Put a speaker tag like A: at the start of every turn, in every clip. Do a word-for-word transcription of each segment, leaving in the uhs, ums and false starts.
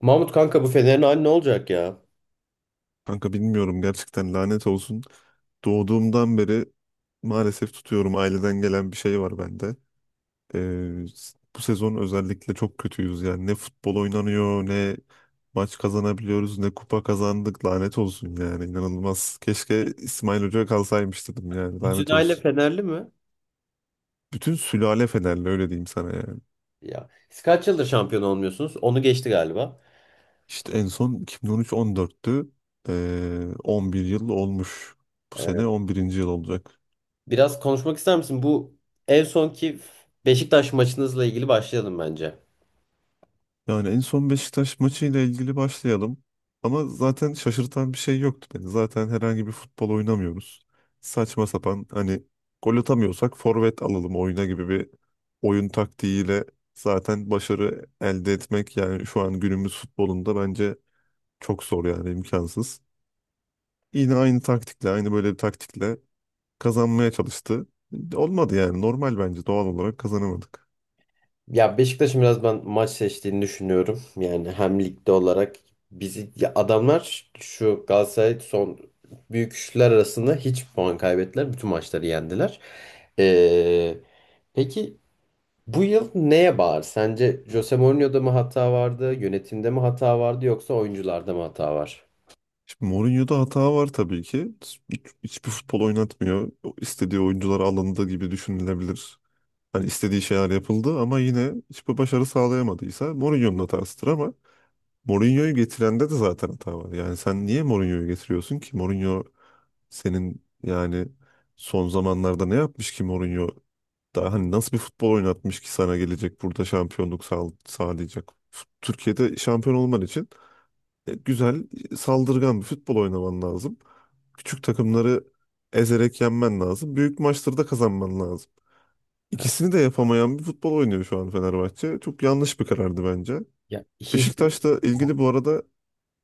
A: Mahmut kanka bu Fener'in hali ne olacak ya?
B: Kanka bilmiyorum gerçekten lanet olsun. Doğduğumdan beri maalesef tutuyorum. Aileden gelen bir şey var bende. Ee, s- bu sezon özellikle çok kötüyüz yani. Ne futbol oynanıyor, ne maç kazanabiliyoruz, ne kupa kazandık. Lanet olsun yani inanılmaz. Keşke İsmail Hoca kalsaymış dedim yani
A: Bütün
B: lanet
A: aile
B: olsun.
A: Fenerli mi?
B: Bütün sülale Fenerli öyle diyeyim sana yani.
A: Ya siz kaç yıldır şampiyon olmuyorsunuz? Onu geçti galiba.
B: İşte en son yirmi on üç on dörttü. Ee, on bir yıl olmuş. Bu
A: Ee,
B: sene on birinci yıl olacak.
A: Biraz konuşmak ister misin? Bu en sonki Beşiktaş maçınızla ilgili başlayalım bence.
B: Yani en son Beşiktaş maçıyla ilgili başlayalım. Ama zaten şaşırtan bir şey yoktu beni. Zaten herhangi bir futbol oynamıyoruz. Saçma sapan hani gol atamıyorsak forvet alalım oyuna gibi bir oyun taktiğiyle zaten başarı elde etmek yani şu an günümüz futbolunda bence çok zor yani imkansız. Yine aynı taktikle aynı böyle bir taktikle kazanmaya çalıştı. Olmadı yani normal bence doğal olarak kazanamadık.
A: Ya Beşiktaş'ın biraz ben maç seçtiğini düşünüyorum. Yani hem ligde olarak bizi ya adamlar şu Galatasaray son büyük üçler arasında hiç puan kaybettiler. Bütün maçları yendiler. Ee, peki, bu yıl neye bağır? Sence Jose Mourinho'da mı hata vardı, yönetimde mi hata vardı yoksa oyuncularda mı hata var?
B: Şimdi Mourinho'da hata var tabii ki. Hiç- Hiçbir futbol oynatmıyor. O İstediği oyuncular alındı gibi düşünülebilir. Hani istediği şeyler yapıldı ama yine hiçbir başarı sağlayamadıysa Mourinho'nun hatasıdır ama Mourinho'yu getirende de zaten hata var. Yani sen niye Mourinho'yu getiriyorsun ki? Mourinho senin yani son zamanlarda ne yapmış ki Mourinho? Daha hani nasıl bir futbol oynatmış ki sana gelecek burada şampiyonluk sağ- sağlayacak? F- Türkiye'de şampiyon olman için e, güzel, saldırgan bir futbol oynaman lazım. Küçük takımları ezerek yenmen lazım. Büyük maçları da kazanman lazım.
A: Ha,
B: İkisini de yapamayan bir futbol oynuyor şu an Fenerbahçe. Çok yanlış bir karardı bence.
A: ya hiç
B: Beşiktaş'la ilgili bu arada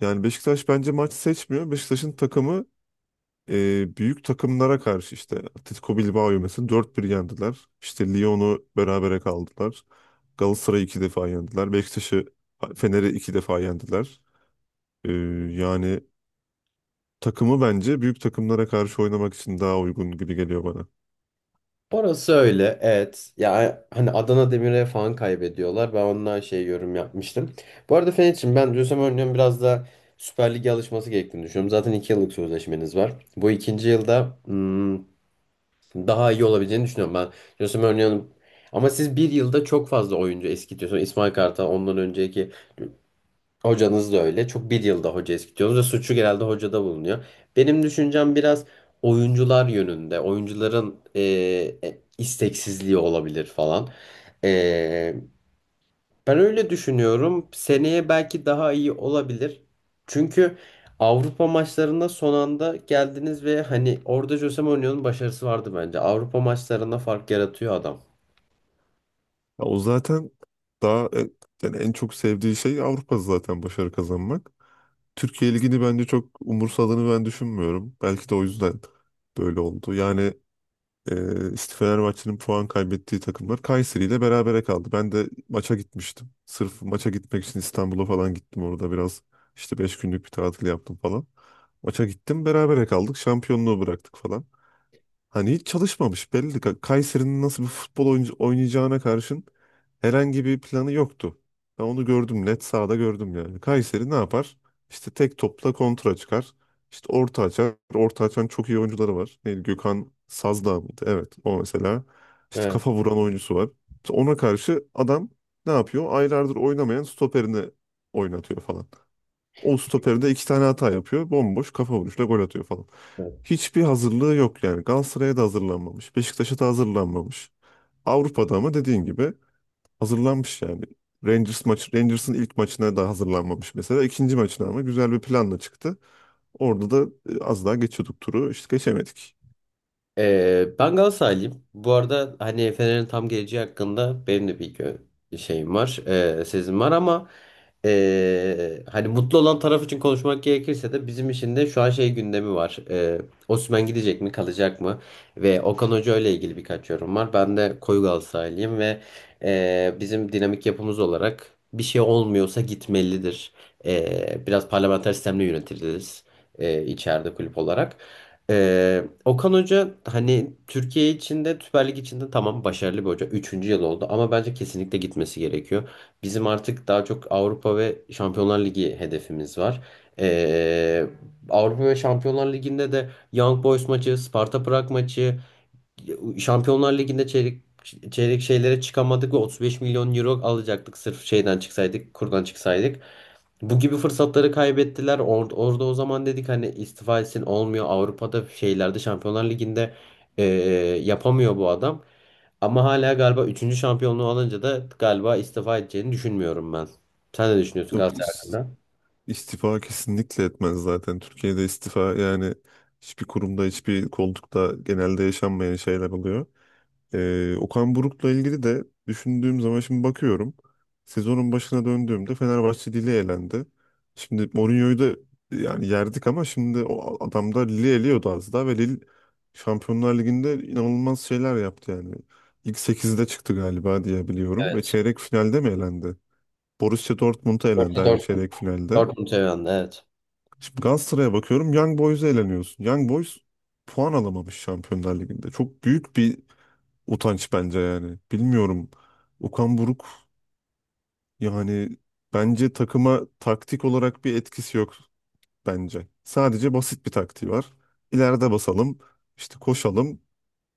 B: yani Beşiktaş bence maç seçmiyor. Beşiktaş'ın takımı e, büyük takımlara karşı işte Atletico Bilbao'yu mesela dört bir yendiler. İşte Lyon'u berabere kaldılar. Galatasaray'ı iki defa yendiler. Beşiktaş'ı Fener'i iki defa yendiler. E, yani takımı bence büyük takımlara karşı oynamak için daha uygun gibi geliyor bana.
A: orası öyle. Evet. Ya hani Adana Demir'e falan kaybediyorlar. Ben ondan şey yorum yapmıştım. Bu arada Fener'çim, ben Jose Mourinho'nun biraz da Süper Lig'e alışması gerektiğini düşünüyorum. Zaten iki yıllık sözleşmeniz var. Bu ikinci yılda hmm, daha iyi olabileceğini düşünüyorum ben. Jose Mourinho'nun ama siz bir yılda çok fazla oyuncu eskitiyorsunuz. İsmail Kartal ondan önceki hocanız da öyle. Çok bir yılda hoca eskitiyorsunuz ve suçu genelde hocada bulunuyor. Benim düşüncem biraz oyuncular yönünde. Oyuncuların e, e, isteksizliği olabilir falan. E, Ben öyle düşünüyorum. Seneye belki daha iyi olabilir. Çünkü Avrupa maçlarına son anda geldiniz ve hani orada Jose Mourinho'nun başarısı vardı bence. Avrupa maçlarına fark yaratıyor adam.
B: Ya o zaten daha e, yani en çok sevdiği şey Avrupa zaten başarı kazanmak. Türkiye Ligi'ni bence çok umursadığını ben düşünmüyorum. Belki de o yüzden böyle oldu. Yani e, işte Fenerbahçe'nin puan kaybettiği takımlar Kayseri ile berabere kaldı. Ben de maça gitmiştim. Sırf maça gitmek için İstanbul'a falan gittim orada biraz. İşte beş günlük bir tatil yaptım falan. Maça gittim berabere kaldık. Şampiyonluğu bıraktık falan. Hani hiç çalışmamış belli. Ka- Kayseri'nin nasıl bir futbol oyuncu- oynayacağına karşın herhangi bir planı yoktu. Ben onu gördüm net sahada gördüm yani. Kayseri ne yapar? İşte tek topla kontra çıkar. İşte orta açar. Orta açan çok iyi oyuncuları var. Neydi? Gökhan Sazdağ mıydı? Evet o mesela. İşte kafa vuran oyuncusu var. İşte ona karşı adam ne yapıyor? Aylardır oynamayan stoperini oynatıyor falan. O stoperde iki tane hata yapıyor. Bomboş kafa vuruşla gol atıyor falan.
A: Evet.
B: Hiçbir hazırlığı yok yani. Galatasaray'a da hazırlanmamış. Beşiktaş'a da hazırlanmamış. Avrupa'da ama dediğin gibi hazırlanmış yani. Rangers maçı, Rangers'ın ilk maçına da hazırlanmamış mesela. İkinci maçına ama güzel bir planla çıktı. Orada da e, az daha geçiyorduk turu. İşte geçemedik.
A: Ee, ben Galatasaraylıyım. Bu arada hani Fener'in tam geleceği hakkında benim de bir gö- şeyim var, ee, sezim var ama ee, hani mutlu olan taraf için konuşmak gerekirse de bizim için de şu an şey gündemi var. Ee, Osimhen gidecek mi, kalacak mı? Ve Okan Hoca ile ilgili birkaç yorum var. Ben de koyu Galatasaraylıyım ve ee, bizim dinamik yapımız olarak bir şey olmuyorsa gitmelidir. Ee, biraz parlamenter sistemle yönetiliriz, ee, içeride kulüp olarak. Ee, Okan Hoca hani Türkiye içinde Süper Lig içinde tamam başarılı bir hoca. Üçüncü yıl oldu ama bence kesinlikle gitmesi gerekiyor. Bizim artık daha çok Avrupa ve Şampiyonlar Ligi hedefimiz var. Ee, Avrupa ve Şampiyonlar Ligi'nde de Young Boys maçı, Sparta Prag maçı, Şampiyonlar Ligi'nde çeyrek çeyrek şeylere çıkamadık ve otuz beş milyon euro alacaktık sırf şeyden çıksaydık, kurdan çıksaydık. Bu gibi fırsatları kaybettiler. Or- orada o zaman dedik hani istifa etsin olmuyor. Avrupa'da şeylerde Şampiyonlar Ligi'nde eee, yapamıyor bu adam. Ama hala galiba üçüncü şampiyonluğu alınca da galiba istifa edeceğini düşünmüyorum ben. Sen ne düşünüyorsun
B: Yok
A: Galatasaray
B: is-
A: hakkında?
B: istifa kesinlikle etmez zaten. Türkiye'de istifa yani hiçbir kurumda, hiçbir koltukta genelde yaşanmayan şeyler oluyor. Ee, Okan Buruk'la ilgili de düşündüğüm zaman şimdi bakıyorum. Sezonun başına döndüğümde Fenerbahçe Lille elendi. Şimdi Mourinho'yu da yani yerdik ama şimdi o adam da Lille eliyordu az daha ve Lille Şampiyonlar Ligi'nde inanılmaz şeyler yaptı yani. İlk sekizde çıktı galiba diye biliyorum ve
A: Evet.
B: çeyrek finalde mi elendi? Borussia Dortmund'a elendi
A: Yoksa
B: aynı
A: Dortmund.
B: çeyrek finalde.
A: Dortmund seven, evet.
B: Şimdi Galatasaray'a bakıyorum Young Boys'a eleniyorsun. Young Boys puan alamamış Şampiyonlar Ligi'nde. Çok büyük bir utanç bence yani. Bilmiyorum. Okan Buruk yani bence takıma taktik olarak bir etkisi yok bence. Sadece basit bir taktiği var. İleride basalım, işte koşalım,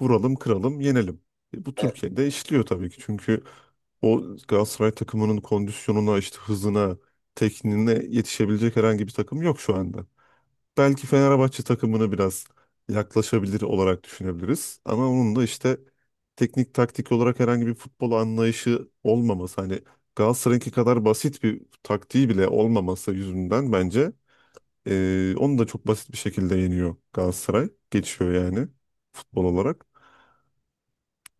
B: vuralım, kıralım, yenelim. E, bu
A: Evet.
B: Türkiye'de işliyor tabii ki. Çünkü o Galatasaray takımının kondisyonuna, işte hızına, tekniğine yetişebilecek herhangi bir takım yok şu anda belki Fenerbahçe takımını biraz yaklaşabilir olarak düşünebiliriz. Ama onun da işte teknik taktik olarak herhangi bir futbol anlayışı olmaması hani Galatasaray'ınki kadar basit bir taktiği bile olmaması yüzünden bence eee, onu da çok basit bir şekilde yeniyor Galatasaray. Geçiyor yani futbol olarak.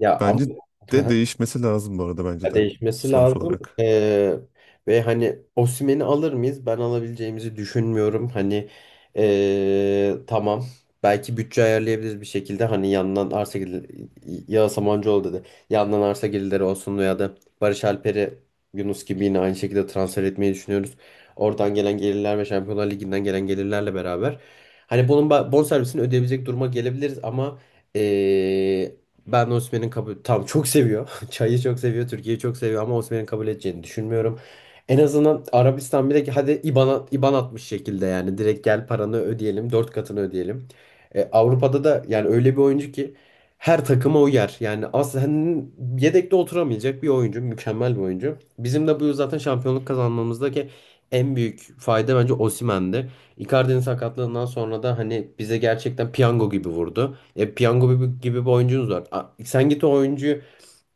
A: Ya ama
B: Bence de değişmesi lazım bu arada bence
A: ya
B: de
A: değişmesi
B: sonuç
A: lazım.
B: olarak.
A: Ee, ve hani Osimhen'i alır mıyız? Ben alabileceğimizi düşünmüyorum. Hani ee, tamam. Belki bütçe ayarlayabiliriz bir şekilde. Hani yandan arsa gelirleri, ya Samancıoğlu dedi. Yandan arsa gelirleri olsun veya da Barış Alper'i Yunus gibi yine aynı şekilde transfer etmeyi düşünüyoruz. Oradan gelen gelirler ve Şampiyonlar Ligi'nden gelen gelirlerle beraber. Hani bunun ba- bonservisini ödeyebilecek duruma gelebiliriz ama ee, ben Osimhen'in kabul... Tamam, çok seviyor. Çayı çok seviyor. Türkiye'yi çok seviyor ama Osimhen'in kabul edeceğini düşünmüyorum. En azından Arabistan bile hadi IBAN, IBAN atmış şekilde yani direkt gel paranı ödeyelim, dört katını ödeyelim. E, Avrupa'da da yani öyle bir oyuncu ki her takıma uyar. Yani aslında yedekte oturamayacak bir oyuncu, mükemmel bir oyuncu. Bizim de bu yıl zaten şampiyonluk kazanmamızdaki en büyük fayda bence Osimhen'di. Icardi'nin sakatlığından sonra da hani bize gerçekten piyango gibi vurdu. E, piyango gibi, gibi bir oyuncunuz var. A- sen git o oyuncuyu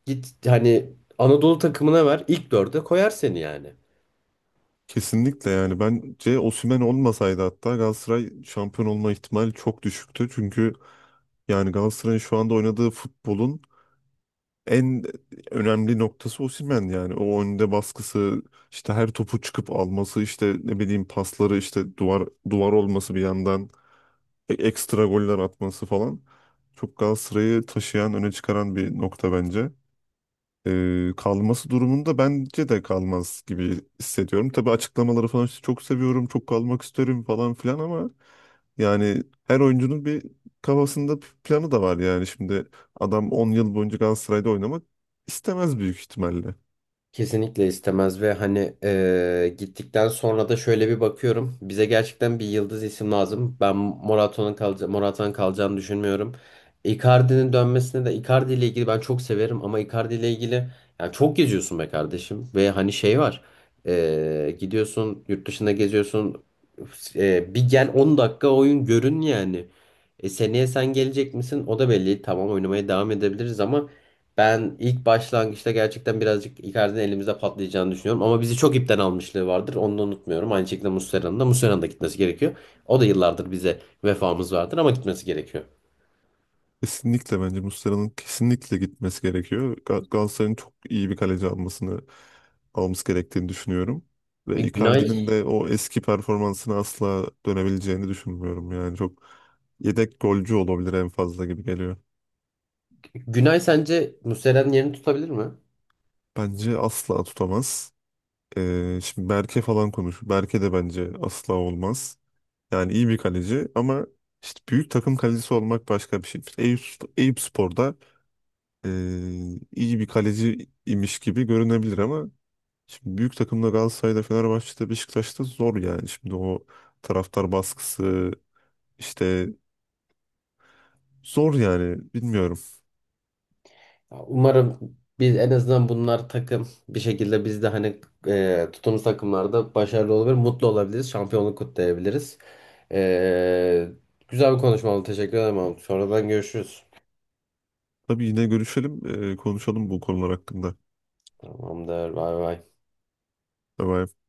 A: git hani Anadolu takımına ver, ilk dörde koyar seni yani.
B: Kesinlikle yani bence Osimhen olmasaydı hatta Galatasaray şampiyon olma ihtimali çok düşüktü. Çünkü yani Galatasaray'ın şu anda oynadığı futbolun en önemli noktası Osimhen yani. O önde baskısı, işte her topu çıkıp alması, işte ne bileyim pasları, işte duvar duvar olması bir yandan, e- ekstra goller atması falan. Çok Galatasaray'ı taşıyan, öne çıkaran bir nokta bence. Ee, kalması durumunda bence de kalmaz gibi hissediyorum. Tabii açıklamaları falan işte çok seviyorum, çok kalmak isterim falan filan ama yani her oyuncunun bir kafasında bir planı da var yani. Şimdi adam on yıl boyunca Galatasaray'da oynamak istemez büyük ihtimalle.
A: Kesinlikle istemez ve hani eee, gittikten sonra da şöyle bir bakıyorum. Bize gerçekten bir yıldız isim lazım. Ben Morata'nın kalca Morata'nın kalacağını düşünmüyorum. Icardi'nin dönmesine de, Icardi ile ilgili ben çok severim ama Icardi ile ilgili yani çok geziyorsun be kardeşim ve hani şey var. Eee, gidiyorsun yurt dışında geziyorsun. Eee, bir gel on dakika oyun görün yani. E, seneye sen gelecek misin? O da belli. Tamam, oynamaya devam edebiliriz ama ben ilk başlangıçta gerçekten birazcık Icardi'nin elimizde patlayacağını düşünüyorum. Ama bizi çok ipten almışlığı vardır. Onu da unutmuyorum. Aynı şekilde Muslera'nın da Muslera'nın da gitmesi gerekiyor. O da yıllardır bize vefamız vardır ama gitmesi gerekiyor.
B: Kesinlikle bence Muslera'nın kesinlikle gitmesi gerekiyor. Ga- Galatasaray'ın çok iyi bir kaleci almasını olması gerektiğini düşünüyorum.
A: E,
B: Ve
A: Günay,
B: Icardi'nin de o eski performansına asla dönebileceğini düşünmüyorum. Yani çok yedek golcü olabilir en fazla gibi geliyor.
A: Günay sence Muslera'nın yerini tutabilir mi?
B: Bence asla tutamaz. Ee, şimdi Berke falan konuş. Berke de bence asla olmaz. Yani iyi bir kaleci ama işte büyük takım kalecisi olmak başka bir şey. İşte Eyüp, Eyüp Spor'da ee, iyi bir kaleci imiş gibi görünebilir ama şimdi büyük takımda Galatasaray'da, Fenerbahçe'de, Beşiktaş'ta zor yani. Şimdi o taraftar baskısı işte zor yani bilmiyorum.
A: Ya, umarım biz en azından bunlar takım bir şekilde biz de hani e, tuttuğumuz takımlarda başarılı olabilir, mutlu olabiliriz, şampiyonluk kutlayabiliriz. E, Güzel bir konuşma oldu. Teşekkür ederim. Sonradan görüşürüz.
B: Tabii yine görüşelim, e, konuşalım bu konular hakkında.
A: Tamamdır. Bay bay.
B: Tabii